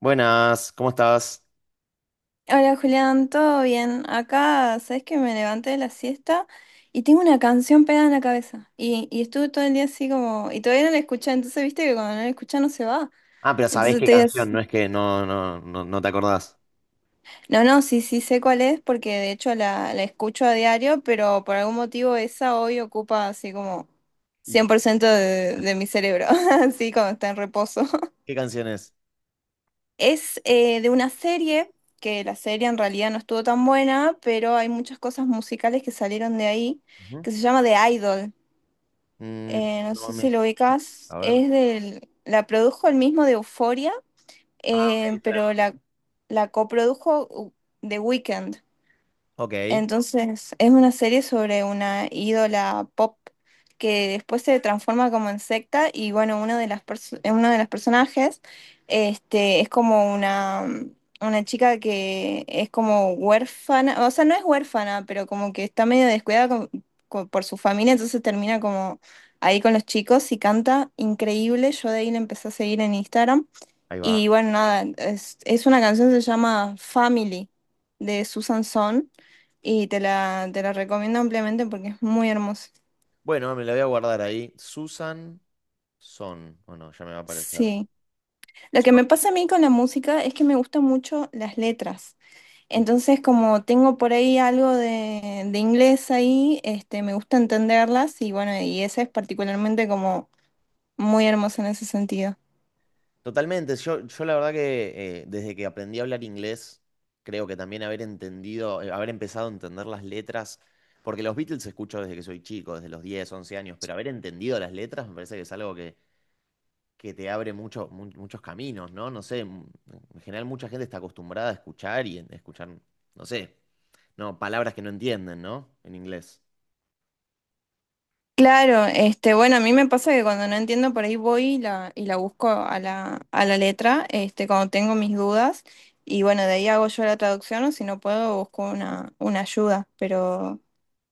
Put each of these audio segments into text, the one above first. Buenas, ¿cómo estás? Hola Julián, ¿todo bien? Acá, sabes que me levanté de la siesta y tengo una canción pegada en la cabeza. Y estuve todo el día así como. Y todavía no la escuché, entonces viste que cuando no la escuchas no se va. Ah, pero sabés Entonces qué te digas. canción, no es que no te acordás. No, no, sí, sí sé cuál es, porque de hecho la escucho a diario, pero por algún motivo esa hoy ocupa así como ¿Y cien qué, por ciento de mi cerebro, así como está en reposo. qué canción es? Es de una serie, que la serie en realidad no estuvo tan buena, pero hay muchas cosas musicales que salieron de ahí, Ujú. que se llama The Idol. Mm, No no sé me... si lo ubicas. A ver. Es del, la produjo el mismo de Euphoria, Ah, ok, ahí te la vi. pero la coprodujo The Weeknd. Ok, ahí Entonces, es una serie sobre una ídola pop que después se transforma como en secta y bueno, uno de las uno de los personajes es como una chica que es como huérfana, o sea, no es huérfana, pero como que está medio descuidada por su familia, entonces termina como ahí con los chicos y canta increíble. Yo de ahí le empecé a seguir en Instagram. va. Y bueno, nada, es una canción que se llama Family de Susan Son y te la recomiendo ampliamente porque es muy hermosa. Bueno, me la voy a guardar ahí. Susan Son. Bueno, ya me va a aparecer. Sí. Lo que Son. me pasa a mí con la música es que me gustan mucho las letras. Mm. Entonces, como tengo por ahí algo de inglés ahí, me gusta entenderlas y bueno, y esa es particularmente como muy hermosa en ese sentido. Totalmente. Yo la verdad que desde que aprendí a hablar inglés, creo que también haber entendido, haber empezado a entender las letras, porque los Beatles escucho desde que soy chico, desde los 10 u 11 años, pero haber entendido las letras me parece que es algo que te abre muchos caminos, ¿no? No sé, en general mucha gente está acostumbrada a escuchar y escuchar, no sé, no, palabras que no entienden, ¿no? En inglés. Claro, bueno, a mí me pasa que cuando no entiendo por ahí voy y la busco a la letra, cuando tengo mis dudas, y bueno, de ahí hago yo la traducción, o si no puedo, busco una ayuda,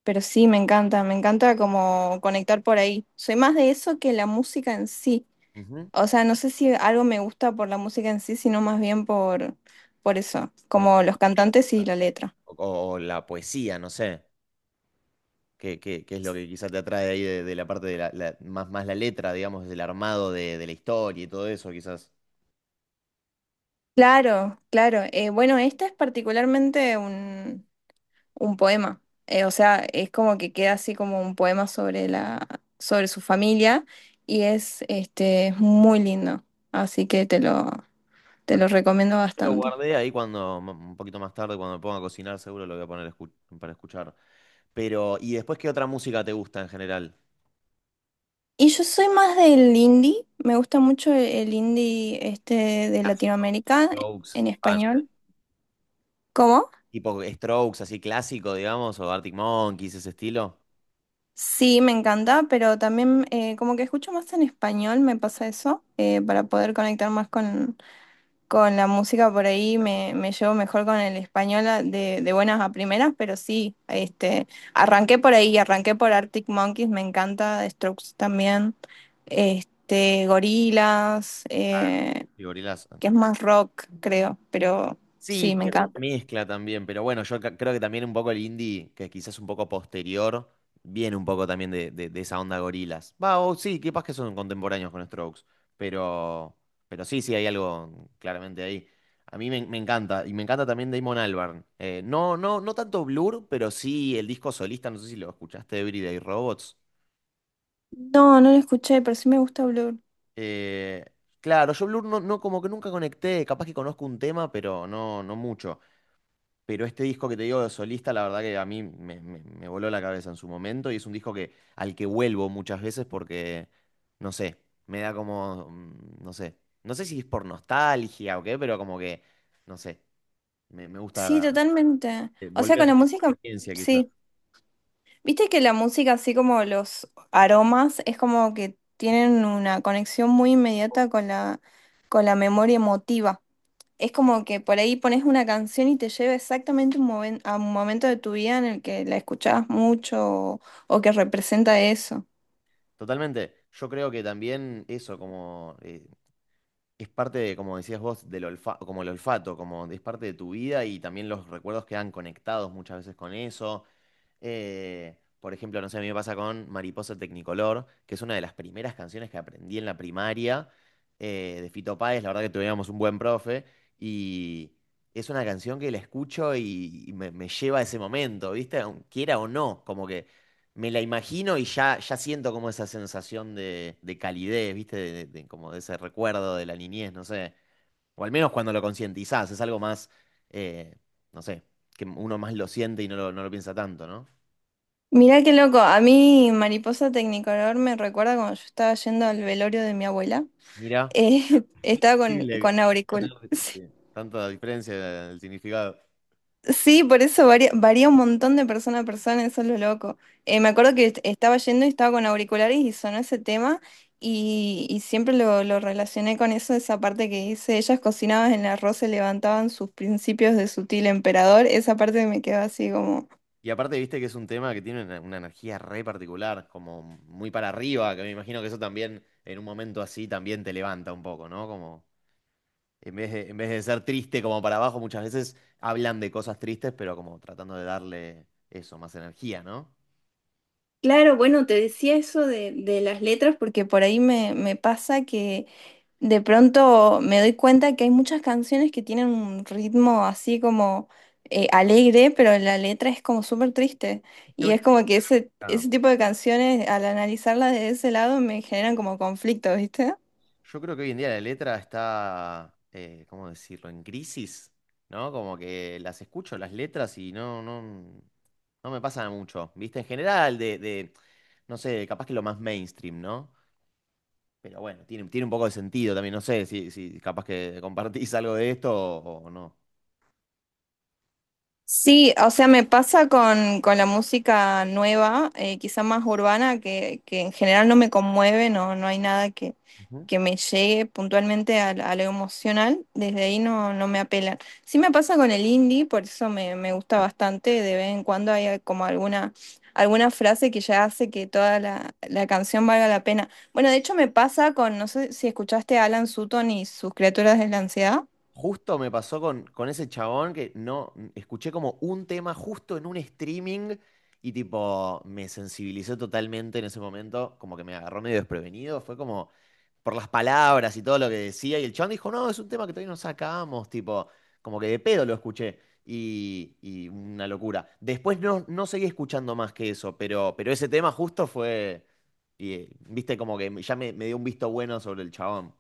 pero sí, me encanta como conectar por ahí. Soy más de eso que la música en sí. Ujú. O sea, no sé si algo me gusta por la música en sí, sino más bien por eso, Por la- como los cantantes y la letra. O la poesía, no sé, qué es lo que quizás te atrae ahí de la parte de más, más la letra, digamos, del armado de la historia y todo eso, quizás. Claro, claro. Bueno, esta es particularmente un poema. O sea, es como que queda así como un poema sobre la, sobre su familia y es muy lindo. Así que te Pero lo recomiendo yo lo bastante. guardé ahí cuando, un poquito más tarde, cuando me ponga a cocinar, seguro lo voy a poner para escuchar. Pero, ¿y después qué otra música te gusta en general? Y yo soy más del indie, me gusta mucho el indie este de Clásico. Latinoamérica Strokes, en Panther. español. ¿Cómo? Tipo Strokes, así clásico, digamos, o Arctic Monkeys, ese estilo. Sí, me encanta, pero también como que escucho más en español, me pasa eso, para poder conectar más con la música por ahí me, me llevo mejor con el español de buenas a primeras, pero sí, arranqué por ahí, arranqué por Arctic Monkeys, me encanta, The Strokes también, Gorilas, Claro. Y Gorillaz. que es más rock, creo, pero Sí, sí, me tiene como una encanta. mezcla también, pero bueno, creo que también un poco el indie, que quizás un poco posterior, viene un poco también de esa onda Gorillaz. Va, o sí, capaz que son contemporáneos con Strokes, pero, pero sí, sí, hay algo claramente ahí. A me encanta, y me encanta también Damon Albarn. No, no, no tanto Blur, pero sí el disco solista, no sé si lo escuchaste, Everyday Robots. No, no lo escuché, pero sí me gusta Blur. Eh, claro, yo Blur como que nunca conecté, capaz que conozco un tema, pero no, no mucho. Pero este disco que te digo de solista, la verdad que a me voló la cabeza en su momento y es un disco que, al que vuelvo muchas veces porque, no sé, me da como, mm, no sé, no sé si es por nostalgia o qué, pero como que, no sé, me gusta Sí, totalmente. O sea, volver a con la tener esa música, experiencia quizás. sí. Viste que la música, así como los aromas, es como que tienen una conexión muy inmediata con la memoria emotiva. Es como que por ahí pones una canción y te lleva exactamente un a un momento de tu vida en el que la escuchabas mucho o que representa eso. Totalmente, yo creo que también eso, como es parte de, como decías vos, como el olfato, como es parte de tu vida y también los recuerdos quedan conectados muchas veces con eso. Por ejemplo, no sé, a mí me pasa con Mariposa Tecnicolor, que es una de las primeras canciones que aprendí en la primaria de Fito Páez. La verdad que tuvimos un buen profe y es una canción que la escucho y me lleva a ese momento, ¿viste? Quiera o no, como que me la imagino y ya siento como esa sensación de calidez, ¿viste? De, como de ese recuerdo de la niñez, no sé. O al menos cuando lo concientizás, es algo más, eh, no sé, que uno más lo siente y no lo, no lo piensa tanto, ¿no? Mirá qué loco, a mí Mariposa Tecnicolor me recuerda cuando yo estaba yendo al velorio de mi abuela. Mira, estaba increíble, con auriculares. Tanta diferencia del significado. Sí, por eso varía, varía un montón de persona a persona, eso es lo loco. Me acuerdo que estaba yendo y estaba con auriculares y sonó ese tema y siempre lo relacioné con eso, esa parte que dice, ellas cocinaban en el arroz, se levantaban sus principios de sutil emperador, esa parte me quedó así como... Y aparte, viste que es un tema que tiene una energía re particular, como muy para arriba, que me imagino que eso también, en un momento así, también te levanta un poco, ¿no? Como en vez de ser triste como para abajo, muchas veces hablan de cosas tristes, pero como tratando de darle eso, más energía, ¿no? Claro, bueno, te decía eso de las letras porque por ahí me, me pasa. De pronto me doy cuenta que hay muchas canciones que tienen un ritmo así como alegre, pero la letra es como súper triste. que Y hoy, es como que ese tipo de canciones, al analizarlas desde ese lado, me generan como conflicto, ¿viste? yo creo que hoy en día la letra está, ¿cómo decirlo?, en crisis, ¿no? Como que las escucho, las letras, y no, no, no me pasa mucho, ¿viste? En general, de, no sé, capaz que lo más mainstream, ¿no? Pero bueno, tiene, tiene un poco de sentido también, no sé si, si capaz que compartís algo de esto o no. Sí, o sea, me pasa con la música nueva, quizá más urbana, que en general no me conmueve, no, no hay nada que, Ujú. que me llegue puntualmente a, a lo emocional, desde ahí no, no me apelan. Sí me pasa con el indie, por eso me, me gusta bastante, de vez en cuando hay como alguna, alguna frase que ya hace que toda la, la canción valga la pena. Bueno, de hecho me pasa con, no sé si escuchaste a Alan Sutton y sus criaturas de la ansiedad. Justo me pasó con ese chabón que no escuché como un tema justo en un streaming y tipo me sensibilizó totalmente en ese momento, como que me agarró medio desprevenido, fue como por las palabras y todo lo que decía y el chabón dijo, no, es un tema que todavía no sacamos, tipo, como que de pedo lo escuché y una locura. Después no, no seguí escuchando más que eso, pero ese tema justo fue, viste, como que ya me dio un visto bueno sobre el chabón.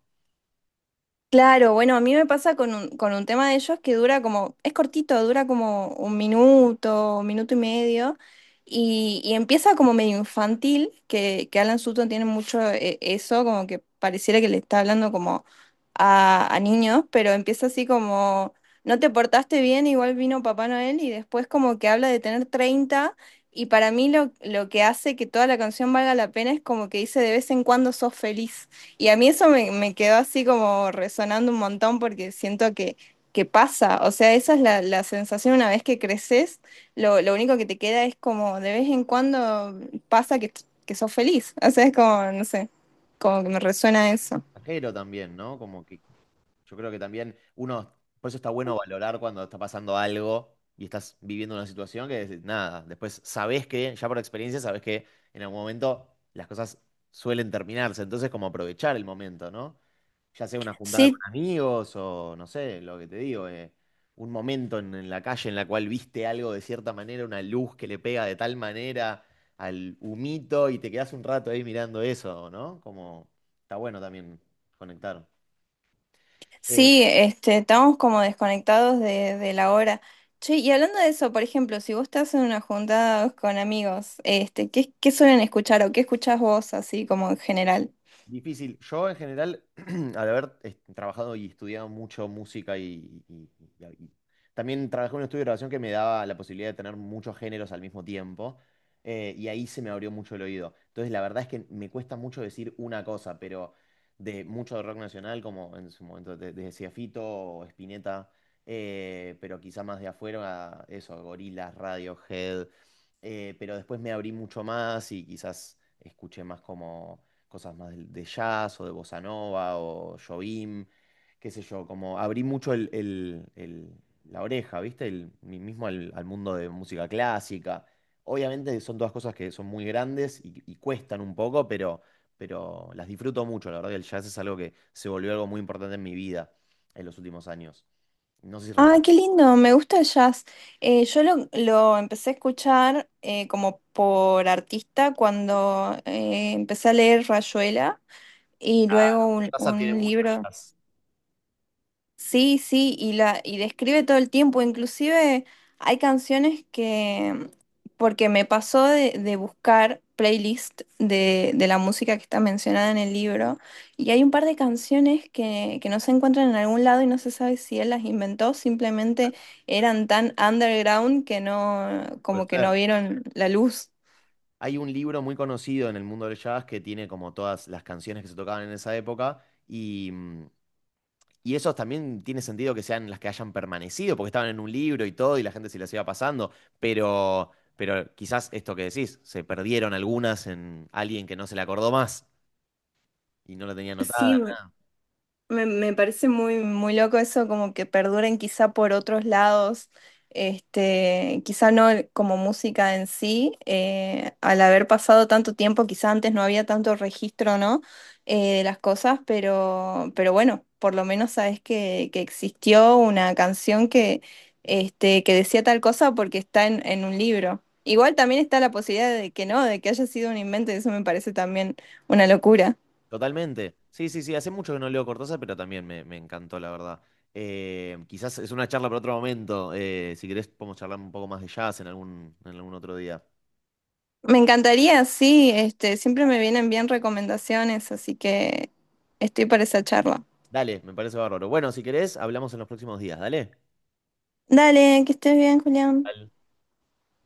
Claro, bueno, a mí me pasa con un tema de ellos que dura como, es cortito, dura como un minuto y medio, y empieza como medio infantil, que Alan Sutton tiene mucho eso, como que pareciera que le está hablando como a niños, pero empieza así como, no te portaste bien, igual vino Papá Noel, y después como que habla de tener 30 y para mí lo que hace que toda la canción valga la pena es como que dice de vez en cuando sos feliz. Y a mí eso me, me quedó así como resonando un montón porque siento que pasa, o sea, esa es la, la sensación una vez que creces, lo único que te queda es como de vez en cuando pasa que sos feliz, o sea, es como, no sé, como que me resuena eso. Ajero también, ¿no? Como que yo creo que también uno, por eso está bueno valorar cuando está pasando algo y estás viviendo una situación que nada, después sabés que, ya por experiencia, sabés que en algún momento las cosas suelen terminarse, entonces como aprovechar el momento, ¿no? Ya sea una juntada con Sí, amigos o no sé, lo que te digo, un momento en la calle en la cual viste algo de cierta manera, una luz que le pega de tal manera al humito y te quedás un rato ahí mirando eso, ¿no? Como está bueno también. Conectaron. Eh, sí, estamos como desconectados de la hora. Che, y hablando de eso, por ejemplo, si vos estás en una juntada con amigos, ¿qué, qué suelen escuchar o qué escuchás vos así como en general? Difícil. Yo en general, al haber trabajado y estudiado mucho música y también trabajé en un estudio de grabación que me daba la posibilidad de tener muchos géneros al mismo tiempo, y ahí se me abrió mucho el oído. Entonces la verdad es que me cuesta mucho decir una cosa, pero de mucho de rock nacional, como en su momento desde decía Fito o Spinetta, pero quizá más de afuera, eso, Gorillaz, Radiohead, pero después me abrí mucho más y quizás escuché más como cosas más de, jazz o de bossa nova o Jobim, qué sé yo, como abrí mucho la oreja, ¿viste? El, mismo al, al mundo de música clásica. Obviamente son todas cosas que son muy grandes y cuestan un poco, pero las disfruto mucho. La verdad que el jazz es algo que se volvió algo muy importante en mi vida en los últimos años. No sé si... Ah, qué lindo, me gusta el jazz. Yo lo empecé a escuchar como por artista cuando empecé a leer Rayuela y luego Cortázar tiene un mucho libro. jazz. Sí, sí, y la y describe todo el tiempo, inclusive hay canciones que, porque me pasó de buscar playlist de la música que está mencionada en el libro, y hay un par de canciones que no se encuentran en algún lado y no se sabe si él las inventó, simplemente eran tan underground que no, Puede como que ser. no vieron la luz. Hay un libro muy conocido en el mundo del jazz que tiene como todas las canciones que se tocaban en esa época y, mm, y esos también tiene sentido que sean las que hayan permanecido porque estaban en un libro y todo y la gente se las iba pasando, pero, pero quizás esto que decís, se perdieron algunas en alguien que no se le acordó más y no la tenía Sí, anotada. me parece muy, muy loco eso, como que perduren quizá por otros lados, quizá no como música en sí, al haber pasado tanto tiempo, quizá antes no había tanto registro, ¿no? De las cosas, pero bueno, por lo menos sabes que existió una canción que, que decía tal cosa porque está en un libro. Igual también está la posibilidad de que no, de que haya sido un invento, y eso me parece también una locura. Totalmente. Sí, sí, sí, hace mucho que no leo Cortázar, pero también me encantó, la verdad. Quizás es una charla para otro momento. Si querés podemos charlar un poco más de jazz en algún otro día. Me encantaría, sí, siempre me vienen bien recomendaciones, así que estoy para esa charla. Dale, me parece bárbaro. Bueno, si querés, hablamos en los próximos días, dale. Dale, que estés bien, Julián. Dale.